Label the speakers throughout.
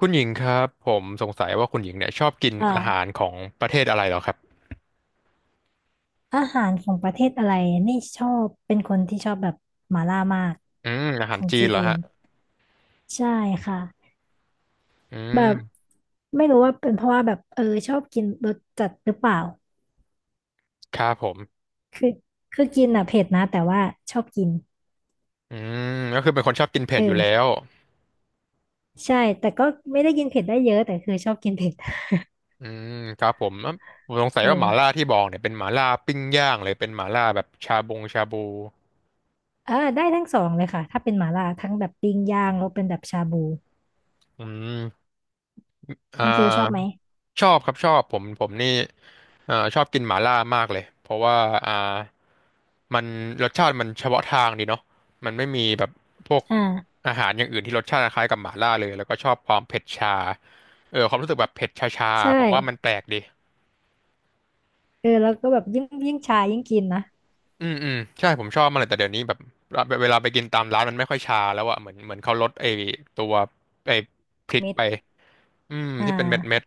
Speaker 1: คุณหญิงครับผมสงสัยว่าคุณหญิงเนี่ยชอบกิน
Speaker 2: ค่ะ
Speaker 1: อาหารของประเทศอะไรเหรอครับ
Speaker 2: อาหารของประเทศอะไรนี่ชอบเป็นคนที่ชอบแบบหม่าล่ามาก
Speaker 1: อา
Speaker 2: ข
Speaker 1: หาร
Speaker 2: อง
Speaker 1: จีน
Speaker 2: จี
Speaker 1: เหรอ
Speaker 2: น
Speaker 1: ฮะ
Speaker 2: ใช่ค่ะ
Speaker 1: อื
Speaker 2: แบบ
Speaker 1: ม
Speaker 2: ไม่รู้ว่าเป็นเพราะว่าแบบชอบกินรสจัดหรือเปล่า
Speaker 1: ครับผม
Speaker 2: คือกินอ่ะเผ็ดนะแต่ว่าชอบกิน
Speaker 1: อืมก็คือเป็นคนชอบกินเผ็
Speaker 2: เอ
Speaker 1: ดอยู่
Speaker 2: อ
Speaker 1: แล้ว
Speaker 2: ใช่แต่ก็ไม่ได้กินเผ็ดได้เยอะแต่คือชอบกินเผ็ด
Speaker 1: อืมครับผมอ่ะผมสงสั
Speaker 2: เ
Speaker 1: ยว่าหม่าล่า
Speaker 2: ออ
Speaker 1: ที่บอกเนี่ยเป็นหม่าล่าปิ้งย่างเลยเป็นหม่าล่าแบบชาบงชาบู
Speaker 2: ได้ทั้งสองเลยค่ะถ้าเป็นหม่าล่าทั้งแบบปิ้งย่างแล้วเป็นแบบชาบู
Speaker 1: อืมอ่
Speaker 2: คุณฟิลชอบไหม
Speaker 1: าชอบครับชอบผมนี่ ชอบกินหม่าล่ามากเลยเพราะว่าอ่ามันรสชาติมันเฉพาะทางดีเนาะมันไม่มีแบบพวก
Speaker 2: อ่า
Speaker 1: อาหารอย่างอื่นที่รสชาติคล้ายกับหม่าล่าเลยแล้วก็ชอบความเผ็ดชาเออความรู้สึกแบบเผ็ดชา
Speaker 2: ใช่
Speaker 1: ๆผมว่ามันแปลกดี
Speaker 2: เออแล้วก็แบบยิ่งชายิ่งกินนะ
Speaker 1: ใช่ผมชอบมันเลยแต่เดี๋ยวนี้แบบเวลาไปกินตามร้านมันไม่ค่อยชาแล้วอะเหมือนเขาลดตัวไอ้พริก
Speaker 2: เม็ด
Speaker 1: ไป
Speaker 2: อ่
Speaker 1: ที่เป็นเม็ดเม็ด
Speaker 2: า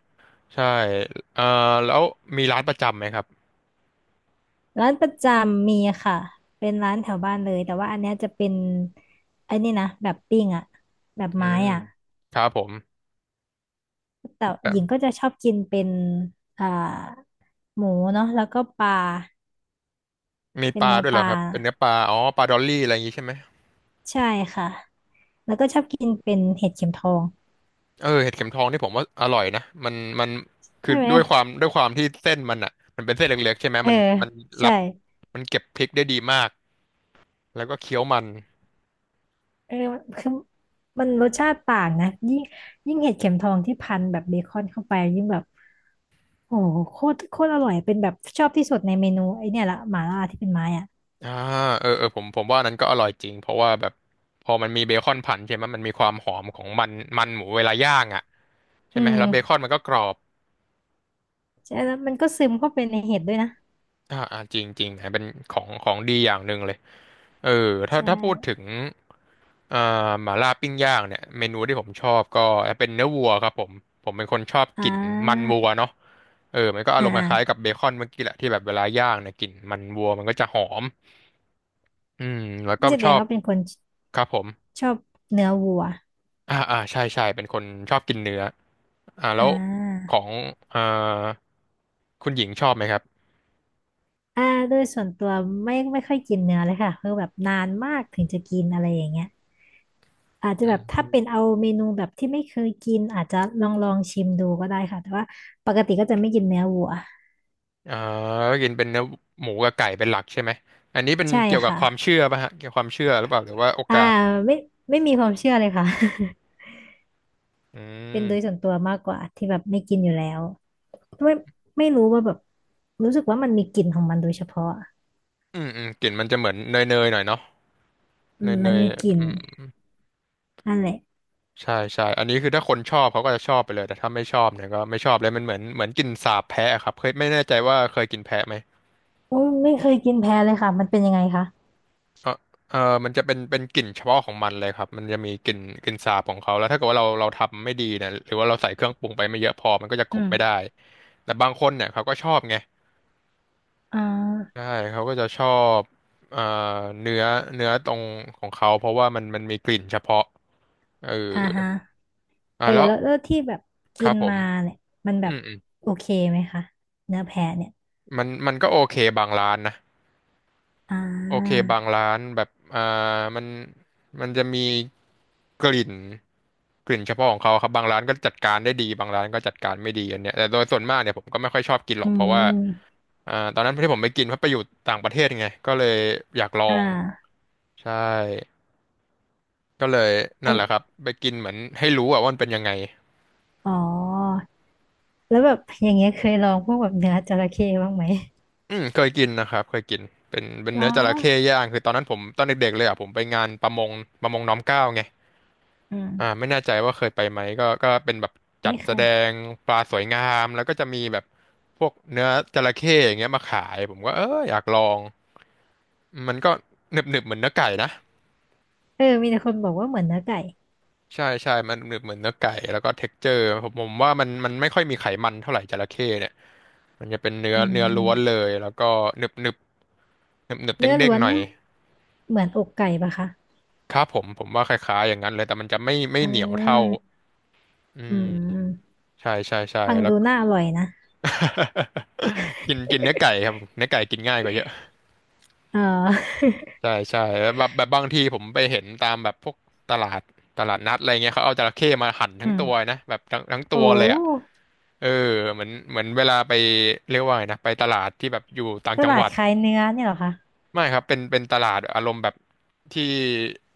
Speaker 1: ใช่เอ่อแล้วมีร้านประจำไหมครับ
Speaker 2: ร้านประจำมีค่ะเป็นร้านแถวบ้านเลยแต่ว่าอันเนี้ยจะเป็นไอ้นี่นะแบบปิ้งอะแบบ
Speaker 1: อื
Speaker 2: ไม้
Speaker 1: ม
Speaker 2: อะ
Speaker 1: ครับผม
Speaker 2: แต่หญิงก็จะชอบกินเป็นอ่าหมูเนาะแล้วก็ปลา
Speaker 1: มี
Speaker 2: เป็
Speaker 1: ป
Speaker 2: น
Speaker 1: ลา
Speaker 2: เนื้อ
Speaker 1: ด้วย
Speaker 2: ป
Speaker 1: เหรอ
Speaker 2: ลา
Speaker 1: ครับเป็นเนื้อปลาอ๋อปลาดอลลี่อะไรอย่างงี้ใช่ไหม
Speaker 2: ใช่ค่ะแล้วก็ชอบกินเป็นเห็ดเข็มทอง
Speaker 1: เออเห็ดเข็มทองนี่ผมว่าอร่อยนะมันคือ
Speaker 2: ใช่ไหม
Speaker 1: ด้วยความที่เส้นมันอ่ะมันเป็นเส้นเล็กๆใช่ไหม
Speaker 2: เออ
Speaker 1: มันรั
Speaker 2: ใช่
Speaker 1: บมันเก็บพริกได้ดีมากแล้วก็เคี้ยวมัน
Speaker 2: เออคือมันรสชาติต่างนะยิ่งเห็ดเข็มทองที่พันแบบเบคอนเข้าไปยิ่งแบบโอ้โหโคตรอร่อยเป็นแบบชอบที่สุดในเมนูไอเนี่ยละหม่าล่าที่เป็นไม้อ่ะ
Speaker 1: อ่าเออผมว่านั้นก็อร่อยจริงเพราะว่าแบบพอมันมีเบคอนผันใช่ไหมมันมีความหอมของมันมันหมูเวลาย่างอ่ะใช่
Speaker 2: อื
Speaker 1: ไหม
Speaker 2: ม
Speaker 1: แล้วเบคอนมันก็กรอบ
Speaker 2: ใช่แล้วมันก็ซึมเข้าไปในเห็ดด้วยนะ
Speaker 1: จริงจริงนะเป็นของดีอย่างหนึ่งเลยเออถ้า
Speaker 2: ใช่
Speaker 1: ถ้าพูดถึงเอ่อหม่าล่าปิ้งย่างเนี่ยเมนูที่ผมชอบก็เป็นเนื้อวัวครับผมผมเป็นคนชอบ
Speaker 2: อ่
Speaker 1: กลิ่นมัน
Speaker 2: า
Speaker 1: วัวเนาะเออมันก็อารมณ์ค
Speaker 2: อ่า
Speaker 1: ล้ายๆกับเบคอนเมื่อกี้แหละที่แบบเวลาย่างเนี่ยกลิ่นมันวัวมันก็จะหอมอืมแล้วก็
Speaker 2: นี่แส
Speaker 1: ช
Speaker 2: ด
Speaker 1: อ
Speaker 2: ง
Speaker 1: บ
Speaker 2: ว่าเป็นคน
Speaker 1: ครับผม
Speaker 2: ชอบเนื้อวัว
Speaker 1: ใช่เป็นคนชอบกินเนื้อแล้
Speaker 2: อ่
Speaker 1: วขอ
Speaker 2: า
Speaker 1: งเอ่อคุณหญิงชอบไหมครับ
Speaker 2: อ่าโดยส่วนตัวไม่ค่อยกินเนื้อเลยค่ะคือแบบนานมากถึงจะกินอะไรอย่างเงี้ยอาจจะแบบถ้าเป็นเอาเมนูแบบที่ไม่เคยกินอาจจะลองชิมดูก็ได้ค่ะแต่ว่าปกติก็จะไม่กินเนื้อวัว
Speaker 1: อ่าก็กินเป็นเนื้อหมูกับไก่เป็นหลักใช่ไหมอันนี้เป็น
Speaker 2: ใช่
Speaker 1: เกี่ยวกับ
Speaker 2: ค่ะ
Speaker 1: ความเชื่อป่ะฮะเกี่ยวกับความเชื่อหรือเปล่าหรือว่าโอ
Speaker 2: อ่า
Speaker 1: กาส
Speaker 2: ไม่มีความเชื่อเลยค่ะ
Speaker 1: อื
Speaker 2: เป็นโดยส่ว
Speaker 1: ม
Speaker 2: นตัวมากกว่าที่แบบไม่กินอยู่แล้วไม่รู้ว่าแบบรู้สึกว่ามันมีกลิ่นของมันโดยเฉพาะ
Speaker 1: อืมกลิ่นมันจะเหมือนเนยเนยหน่อยเนาะ
Speaker 2: อื
Speaker 1: เน
Speaker 2: ม
Speaker 1: ยเน
Speaker 2: มัน
Speaker 1: ย
Speaker 2: มีกลิ่น
Speaker 1: อืม
Speaker 2: นั่นแหละ
Speaker 1: ใช่อันนี้คือถ้าคนชอบเขาก็จะชอบไปเลยแต่ถ้าไม่ชอบเนี่ยก็ไม่ชอบเลยมันเหมือนกลิ่นสาบแพะอะครับเคยไม่แน่ใจว่าเคยกินแพะไหม
Speaker 2: โอ้ยไม่เคยกินแพ้เลยค่ะมันเป็นยังไงคะ
Speaker 1: เออเออมันจะเป็นกลิ่นเฉพาะของมันเลยครับมันจะมีกลิ่นสาบของเขาแล้วถ้าเกิดว่าเราทำไม่ดีเนี่ยหรือว่าเราใส่เครื่องปรุงไปไม่เยอะพอมันก็จะก
Speaker 2: อื
Speaker 1: ลบไม่ได้
Speaker 2: ม
Speaker 1: แต่บางคนเนี่ยเขาก็ชอบไง
Speaker 2: อ่
Speaker 1: ใช่
Speaker 2: า
Speaker 1: เขาก็จะชอบเอ่อเนื้อเนื้อตรงของเขาเพราะว่ามันมีกลิ่นเฉพาะเออ
Speaker 2: อ่าฮะเออ
Speaker 1: แล้ว
Speaker 2: แล้วที่แบบ
Speaker 1: ค
Speaker 2: กิ
Speaker 1: รับ
Speaker 2: น
Speaker 1: ผม
Speaker 2: มาเนี่ยมันแบ
Speaker 1: อื
Speaker 2: บ
Speaker 1: มอืม
Speaker 2: โอเคไหมคะเนื้อแพะเนี่ย
Speaker 1: มันก็โอเคบางร้านนะ
Speaker 2: อ่
Speaker 1: โอเค
Speaker 2: า
Speaker 1: บางร้านแบบมันมันจะมีกลิ่นกลิ่นเฉพาะของเขาครับบางร้านก็จัดการได้ดีบางร้านก็จัดการไม่ดีอันเนี้ยแต่โดยส่วนมากเนี่ยผมก็ไม่ค่อยชอบกินหร
Speaker 2: อื
Speaker 1: อกเพราะว่า
Speaker 2: ม
Speaker 1: ตอนนั้นที่ผมไปกินเพราะไปอยู่ต่างประเทศไงก็เลยอยากลอ
Speaker 2: อ่
Speaker 1: ง
Speaker 2: า
Speaker 1: ใช่ ก็เลย
Speaker 2: อั
Speaker 1: นั่น
Speaker 2: น
Speaker 1: แหละครับไปกินเหมือนให้รู้อะว่ามันเป็นยังไง
Speaker 2: อ๋อแล้วแบบอย่างเงี้ยเคยลองพวกแบบเนื้อจระเข้บ้างไหม
Speaker 1: เคยกินนะครับเคยกินเป็น
Speaker 2: อ๋อ
Speaker 1: เนื้อจระเข้ย่างคือตอนนั้นผมตอนเด็กๆเลยอะผมไปงานประมงประมงน้อมเกล้าไง
Speaker 2: อืม
Speaker 1: ไม่แน่ใจว่าเคยไปไหมก็ก็เป็นแบบจั
Speaker 2: ไม่
Speaker 1: ด
Speaker 2: เค
Speaker 1: แสด
Speaker 2: ย
Speaker 1: งปลาสวยงามแล้วก็จะมีแบบพวกเนื้อจระเข้อย่างเงี้ยมาขายผมก็เอออยากลองมันก็หนึบๆเหมือนเนื้อไก่นะ
Speaker 2: เออมีแต่คนบอกว่าเหมือนเนื้อไก่
Speaker 1: ใช่มันเหมือนเนื้อไก่แล้วก็เท็กเจอร์ผมว่ามันไม่ค่อยมีไขมันเท่าไหร่จระเข้เนี่ยมันจะเป็นเนื้อ
Speaker 2: อื
Speaker 1: เนื้อล้วนเล
Speaker 2: ม
Speaker 1: ยแล้วก็หนึบหนึบหนึบหนึบเด้
Speaker 2: เนื้
Speaker 1: ง
Speaker 2: อ
Speaker 1: เด้
Speaker 2: ล้
Speaker 1: ง
Speaker 2: วน
Speaker 1: หน่อย
Speaker 2: เนี่ยเหมือนอกไก่ปะคะ
Speaker 1: ครับผมว่าคล้ายๆอย่างนั้นเลยแต่มันจะไม่
Speaker 2: อ่
Speaker 1: เหนียวเท่า
Speaker 2: า
Speaker 1: อื
Speaker 2: อื
Speaker 1: ม
Speaker 2: ม
Speaker 1: ใช่
Speaker 2: ฟัง
Speaker 1: แล้ว
Speaker 2: ดู
Speaker 1: ก็
Speaker 2: น่าอร่อยนะ
Speaker 1: กินกินเนื้อไก่ครับเนื้อไก่กินง่ายกว่าเยอะ
Speaker 2: เออ
Speaker 1: ใช่ใช่แบบบางทีผมไปเห็นตามแบบพวกตลาดตลาดนัดอะไรเงี้ยเขาเอาจระเข้มาหั่น ทั้
Speaker 2: อื
Speaker 1: ง
Speaker 2: ม
Speaker 1: ตัวนะแบบทั้ง ตั
Speaker 2: โอ้
Speaker 1: วเลยอ่ะเออเหมือนเวลาไปเรียกว่าไงนะไปตลาดที่แบบอยู่ต่าง
Speaker 2: ต
Speaker 1: จัง
Speaker 2: ลา
Speaker 1: ห
Speaker 2: ด
Speaker 1: วัด
Speaker 2: ขายเนื้อเนี่ยเหรอคะ
Speaker 1: ไม่ครับเป็นตลาดอารมณ์แบบที่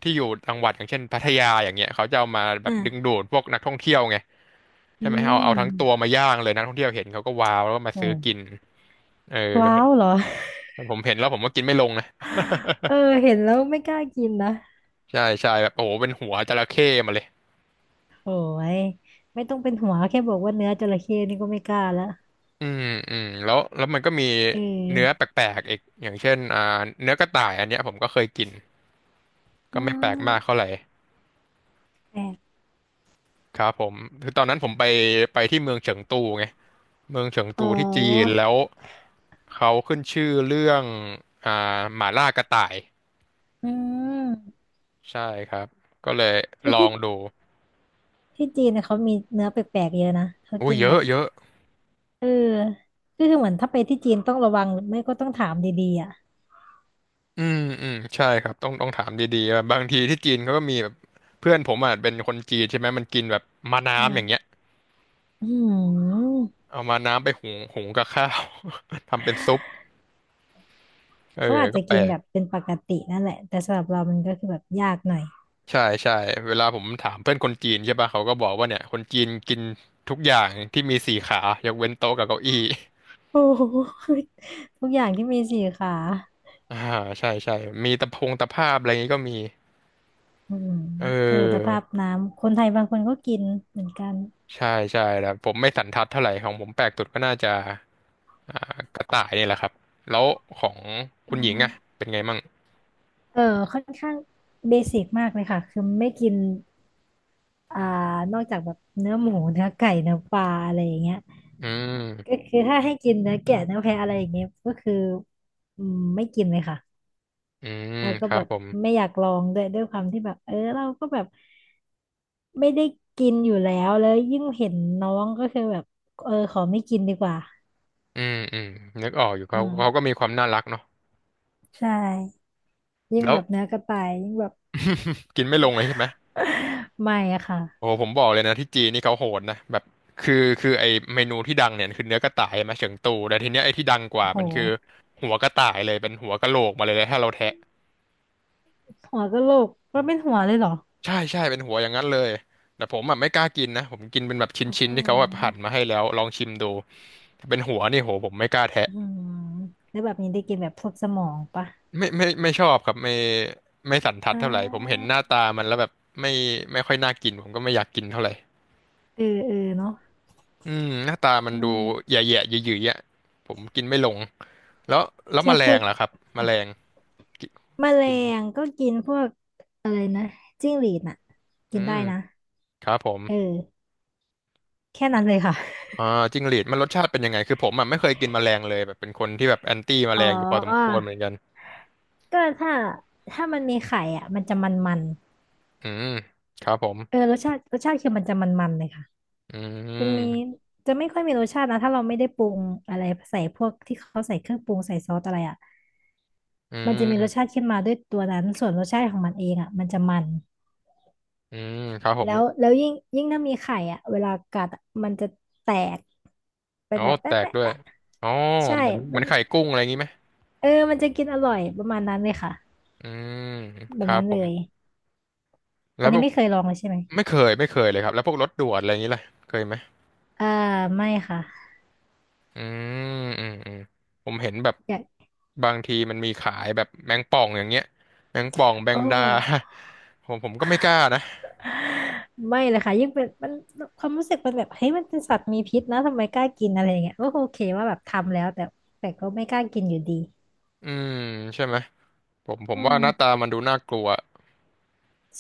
Speaker 1: ที่อยู่จังหวัดอย่างเช่นพัทยาอย่างเงี้ยเขาจะเอามาแบบดึงดูดพวกนักท่องเที่ยวไง
Speaker 2: อื
Speaker 1: ใช่ไหมเอาทั้งตัว
Speaker 2: ม
Speaker 1: มาย่างเลยนักท่องเที่ยวเห็นเขาก็ว้าวแล้วก็มา
Speaker 2: โอ้
Speaker 1: ซื้อกินเออ
Speaker 2: ว้าวเหรอ
Speaker 1: ผมเห็นแล้วผมก็กินไม่ลงนะ
Speaker 2: เออเห็นแล้วไม่กล้ากินนะ
Speaker 1: ใช่ใช่แบบโอ้โหเป็นหัวจระเข้มาเลย
Speaker 2: โหยไม่ต้องเป็นหัวแค่บอกว่าเนื้อจระเข้นี่ก็ไม่กล้าละ
Speaker 1: อืมอืมแล้วมันก็มี
Speaker 2: เอ
Speaker 1: เนื้อ
Speaker 2: อ
Speaker 1: แปลกๆอีกอย่างเช่นเนื้อกระต่ายอันเนี้ยผมก็เคยกินก็
Speaker 2: อื
Speaker 1: ไม่แปลกมากเท่า
Speaker 2: ม
Speaker 1: ไหร่
Speaker 2: แปลก
Speaker 1: ครับผมคือตอนนั้นผมไปที่เมืองเฉิงตูไงเมืองเฉิง
Speaker 2: อ๋อ
Speaker 1: ตูที่จีนแล้วเขาขึ้นชื่อเรื่องอ่าหม่าล่ากระต่าย
Speaker 2: อืม
Speaker 1: ใช่ครับก็เลย
Speaker 2: คือ
Speaker 1: ลอ
Speaker 2: ที่
Speaker 1: งดู
Speaker 2: จีนนะเขามีเนื้อแปลกๆเยอะนะ เขา
Speaker 1: อุ้ย
Speaker 2: กิน
Speaker 1: เย
Speaker 2: แบ
Speaker 1: อะ
Speaker 2: บ
Speaker 1: เยอะ
Speaker 2: เออคือเหมือนถ้าไปที่จีนต้องระวังหรือไม่ก็ต้องถามดีๆอ่ะ
Speaker 1: อืมอืมใช่ครับต้องถามดีๆว่าบางทีที่จีนเขาก็มีแบบเพื่อนผมอ่ะเป็นคนจีนใช่ไหมมันกินแบบมา
Speaker 2: อื
Speaker 1: น้ำอย่างเงี้ย
Speaker 2: มอืม
Speaker 1: เอามาน้ำไปหุงกับข้าว ทำเป็นซุปเออ
Speaker 2: เขาอาจ
Speaker 1: ก็
Speaker 2: จะ
Speaker 1: แป
Speaker 2: กิ
Speaker 1: ล
Speaker 2: นแบ
Speaker 1: ก
Speaker 2: บเป็นปกตินั่นแหละแต่สำหรับเรามันก็คือแบบยากหน่อย
Speaker 1: ใช่ใช่เวลาผมถามเพื่อนคนจีนใช่ป่ะเขาก็บอกว่าเนี่ยคนจีนกินทุกอย่างที่มีสี่ขายกเว้นโต๊ะกับเก้าอี้
Speaker 2: โอ้ โหทุกอย่างที่มีสี่ขา
Speaker 1: อ่าใช่ใช่มีตะพงตะภาพอะไรอย่างงี้ก็มี
Speaker 2: อืม
Speaker 1: เอ
Speaker 2: เออแต่
Speaker 1: อ
Speaker 2: ภาพน้ำคนไทยบางคนก็กินเหมือนกัน
Speaker 1: ใช่ใช่แล้วผมไม่สันทัดเท่าไหร่ของผมแปลกสุดก็น่าจะอ่ากระต่ายนี่แหละครับแล้วของคุ
Speaker 2: อ๋
Speaker 1: ณ
Speaker 2: อ
Speaker 1: หญิงอะเป็นไงมั่ง
Speaker 2: เออค่อนข้างเบสิกมากเลยค่ะคือไม่กินอ่านอกจากแบบเนื้อหมูเนื้อไก่เนื้อปลาอะไรอย่างเงี้ย
Speaker 1: อื
Speaker 2: ก็
Speaker 1: ม
Speaker 2: คือถ้าให้กินเนื้อแกะเนื้อแพะอะไรอย่างเงี้ยก็คืออืมไม่กินเลยค่ะ
Speaker 1: อืม
Speaker 2: แล้วก็
Speaker 1: ครั
Speaker 2: แบ
Speaker 1: บ
Speaker 2: บ
Speaker 1: ผม
Speaker 2: ไม่อยากลองด้วยด้วยความที่แบบเออเราก็แบบไม่ได้กินอยู่แล้วแล้วยิ่งเห็นน้องก็คือแบบเออขอไม่กินดีกว่า
Speaker 1: อืมอืมนึกออกอยู่
Speaker 2: อื
Speaker 1: เขาก็
Speaker 2: ม
Speaker 1: มีความน่ารักเนาะ
Speaker 2: ใช่ยิ่ง
Speaker 1: แล้ว
Speaker 2: แบบเนื้อกระต่ายยิ่งแบบ
Speaker 1: กินไม่ลงเลยใช่ไหม
Speaker 2: ไม่อะค่ะ
Speaker 1: โอ้โหผมบอกเลยนะที่จีนนี่เขาโหดนะแบบคือคือไอเมนูที่ดังเนี่ยคือเนื้อกระต่ายมาเฉิงตูแต่ทีเนี้ยไอที่ดังกว่า
Speaker 2: โ
Speaker 1: มันคือ
Speaker 2: ห
Speaker 1: หัวกระต่ายเลยเป็นหัวกะโหลกมาเลยถ้าเราแทะ
Speaker 2: หัวกะโหลกก็นเป็นหัวเลยเหรอ
Speaker 1: ใช่ใช่เป็นหัวอย่างนั้นเลยแต่ผมอ่ะไม่กล้ากินนะผมกินเป็นแบบช
Speaker 2: โอ้โห
Speaker 1: ิ้นๆที่เขาแบบหั่นมาให้แล้วลองชิมดูถ้าเป็นหัวนี่โหผมไม่กล้าแทะ
Speaker 2: อืมแล้วแบบนี้ได้กินแบบพวกสมองปะ
Speaker 1: ไม่ไม่ชอบครับไม่ไม่สันทัด
Speaker 2: อ่
Speaker 1: เท่าไหร่ผมเห็น
Speaker 2: า
Speaker 1: หน้าตามันแล้วแบบไม่ไม่ค่อยน่ากินผมก็ไม่อยากกินเท่าไหร่
Speaker 2: เออเนาะ
Speaker 1: อืมหน้าตามัน
Speaker 2: อื
Speaker 1: ดู
Speaker 2: ม
Speaker 1: แย่ๆหยืยๆอ่ะผมกินไม่ลง แล้วแล้วแม
Speaker 2: แค่
Speaker 1: ล
Speaker 2: พู
Speaker 1: ง
Speaker 2: ด
Speaker 1: ล่ะครับแม
Speaker 2: ค่ะ
Speaker 1: ลงกิ
Speaker 2: แมล
Speaker 1: กิน
Speaker 2: งก็กินพวกอะไรนะจิ้งหรีดน่ะ
Speaker 1: อื
Speaker 2: กินได้
Speaker 1: ม
Speaker 2: นะ
Speaker 1: ครับผม
Speaker 2: เออแค่นั้นเลยค่ะ
Speaker 1: อ่าจิ้งหรีดมันรสชาติเป็นยังไงคือผมอ่ะไม่เคยกินแมลงเลยแบบเป็นคนที่แบบแอนตี้แม
Speaker 2: อ๋อ
Speaker 1: ลงอยู่พอสมควรเหมือนกัน
Speaker 2: ก็ถ้ามันมีไข่อ่ะมันจะมัน
Speaker 1: อืมครับผ
Speaker 2: ๆเออ
Speaker 1: ม
Speaker 2: รสชาติคือมันจะมันๆเลยค่ะ
Speaker 1: อื
Speaker 2: จะมี
Speaker 1: ม
Speaker 2: จะไม่ค่อยมีรสชาตินะถ้าเราไม่ได้ปรุงอะไรใส่พวกที่เขาใส่เครื่องปรุงใส่ซอสอะไรอ่ะ
Speaker 1: อื
Speaker 2: มันจะมีรสชา
Speaker 1: ม
Speaker 2: ติขึ้นมาด้วยตัวนั้นส่วนรสชาติของมันเองอ่ะมันจะมัน
Speaker 1: อืมครับผม
Speaker 2: แล้วยิ่งถ้ามีไข่อ่ะเวลากัดอะมันจะแตกเป็
Speaker 1: อ๋
Speaker 2: น
Speaker 1: อ
Speaker 2: แบบ
Speaker 1: แต
Speaker 2: แปะ
Speaker 1: ก
Speaker 2: แปะ
Speaker 1: ด้วย
Speaker 2: แปะ
Speaker 1: อ๋อ
Speaker 2: ใช่
Speaker 1: เหมือนเหมื
Speaker 2: มั
Speaker 1: อ
Speaker 2: น
Speaker 1: นไข่กุ้งอะไรอย่างงี้ไหม
Speaker 2: เออมันจะกินอร่อยประมาณนั้นเลยค่ะ
Speaker 1: อืม
Speaker 2: แบ
Speaker 1: ค
Speaker 2: บ
Speaker 1: รับ
Speaker 2: นั้น
Speaker 1: ผ
Speaker 2: เล
Speaker 1: ม
Speaker 2: ย
Speaker 1: แล้
Speaker 2: อัน
Speaker 1: วพ
Speaker 2: นี้
Speaker 1: วก
Speaker 2: ไม่เคยลองเลยใช่ไหม
Speaker 1: ไม่เคยไม่เคยเลยครับแล้วพวกรสด่วนอะไรอย่างงี้ล่ะเคยไหม
Speaker 2: อ่าไม่ค่ะ
Speaker 1: อืมอืมอืมผมเห็นแบบ
Speaker 2: อยาก
Speaker 1: บางทีมันมีขายแบบแมงป่องอย่างเงี้ยแมงป่องแม
Speaker 2: โอ้
Speaker 1: งดา ผมก็ไม่กล้านะ
Speaker 2: ไม่เลยค่ะยิ่งเป็นมันความรู้สึกมันแบบเฮ้ยมันเป็นสัตว์มีพิษนะทำไมกล้ากินอะไรอย่างเงี้ยก็โอเคว่าแบบทำแล้วแต่แต่ก็ไม่กล้ากินอยู่ดี
Speaker 1: อืมใช่ไหมผมผ
Speaker 2: อื
Speaker 1: มว่าหน้าตา
Speaker 2: ม
Speaker 1: มันดูน่ากลัว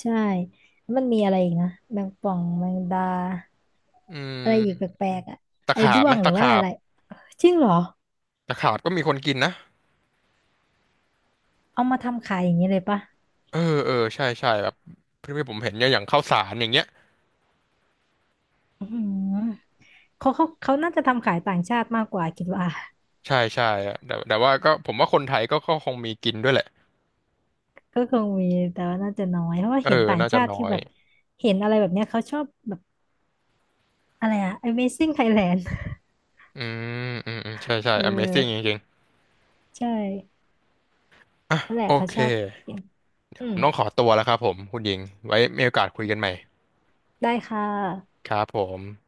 Speaker 2: ใช่มันมีอะไรอีกนะแมงป่องแมงดา
Speaker 1: อื
Speaker 2: อะไร
Speaker 1: ม
Speaker 2: อีกแปลกๆอ่ะ
Speaker 1: ตะ
Speaker 2: ไอ้
Speaker 1: ขาบ
Speaker 2: ด้ว
Speaker 1: ไหม
Speaker 2: งหรื
Speaker 1: ตะ
Speaker 2: อว่า
Speaker 1: ขา
Speaker 2: อะ
Speaker 1: บ
Speaker 2: ไรจริงเหรอ
Speaker 1: ตะขาบก็มีคนกินนะ
Speaker 2: เอามาทำขายอย่างนี้เลยปะ
Speaker 1: เออเออใช่ใช่แบบที่ผมเห็นเนี่ยอย่างข้าวสารอย่างเงี้ย
Speaker 2: อืมเขาน่าจะทำขายต่างชาติมากกว่าคิดว่า
Speaker 1: ใช่ใช่อะแต่ว่าก็ผมว่าคนไทยก็คงมีกินด้วยแหละ
Speaker 2: ก็คงมีแต่ว่าน่าจะน้อยเพราะว่า
Speaker 1: เออ
Speaker 2: เห็นต่าง
Speaker 1: น่าจะ
Speaker 2: ชาติ
Speaker 1: น้อ
Speaker 2: ที่
Speaker 1: ย
Speaker 2: แบบเห็นอะไรแบบเนี้ยเขาชอบแบบ อะไรอะ Amazing Thailand
Speaker 1: อืมอืมอืมใช่ใช่
Speaker 2: เออ
Speaker 1: Amazing จริง
Speaker 2: ใช่นั่นแห
Speaker 1: ๆ
Speaker 2: ละ
Speaker 1: โอ
Speaker 2: เขา
Speaker 1: เค
Speaker 2: ชอบอื
Speaker 1: ผ
Speaker 2: ม
Speaker 1: มต้องขอตัวแล้วครับผมคุณหญิงไว้มีโอกาสคุยกันใหม่
Speaker 2: ได้ค่ะ
Speaker 1: ครับผม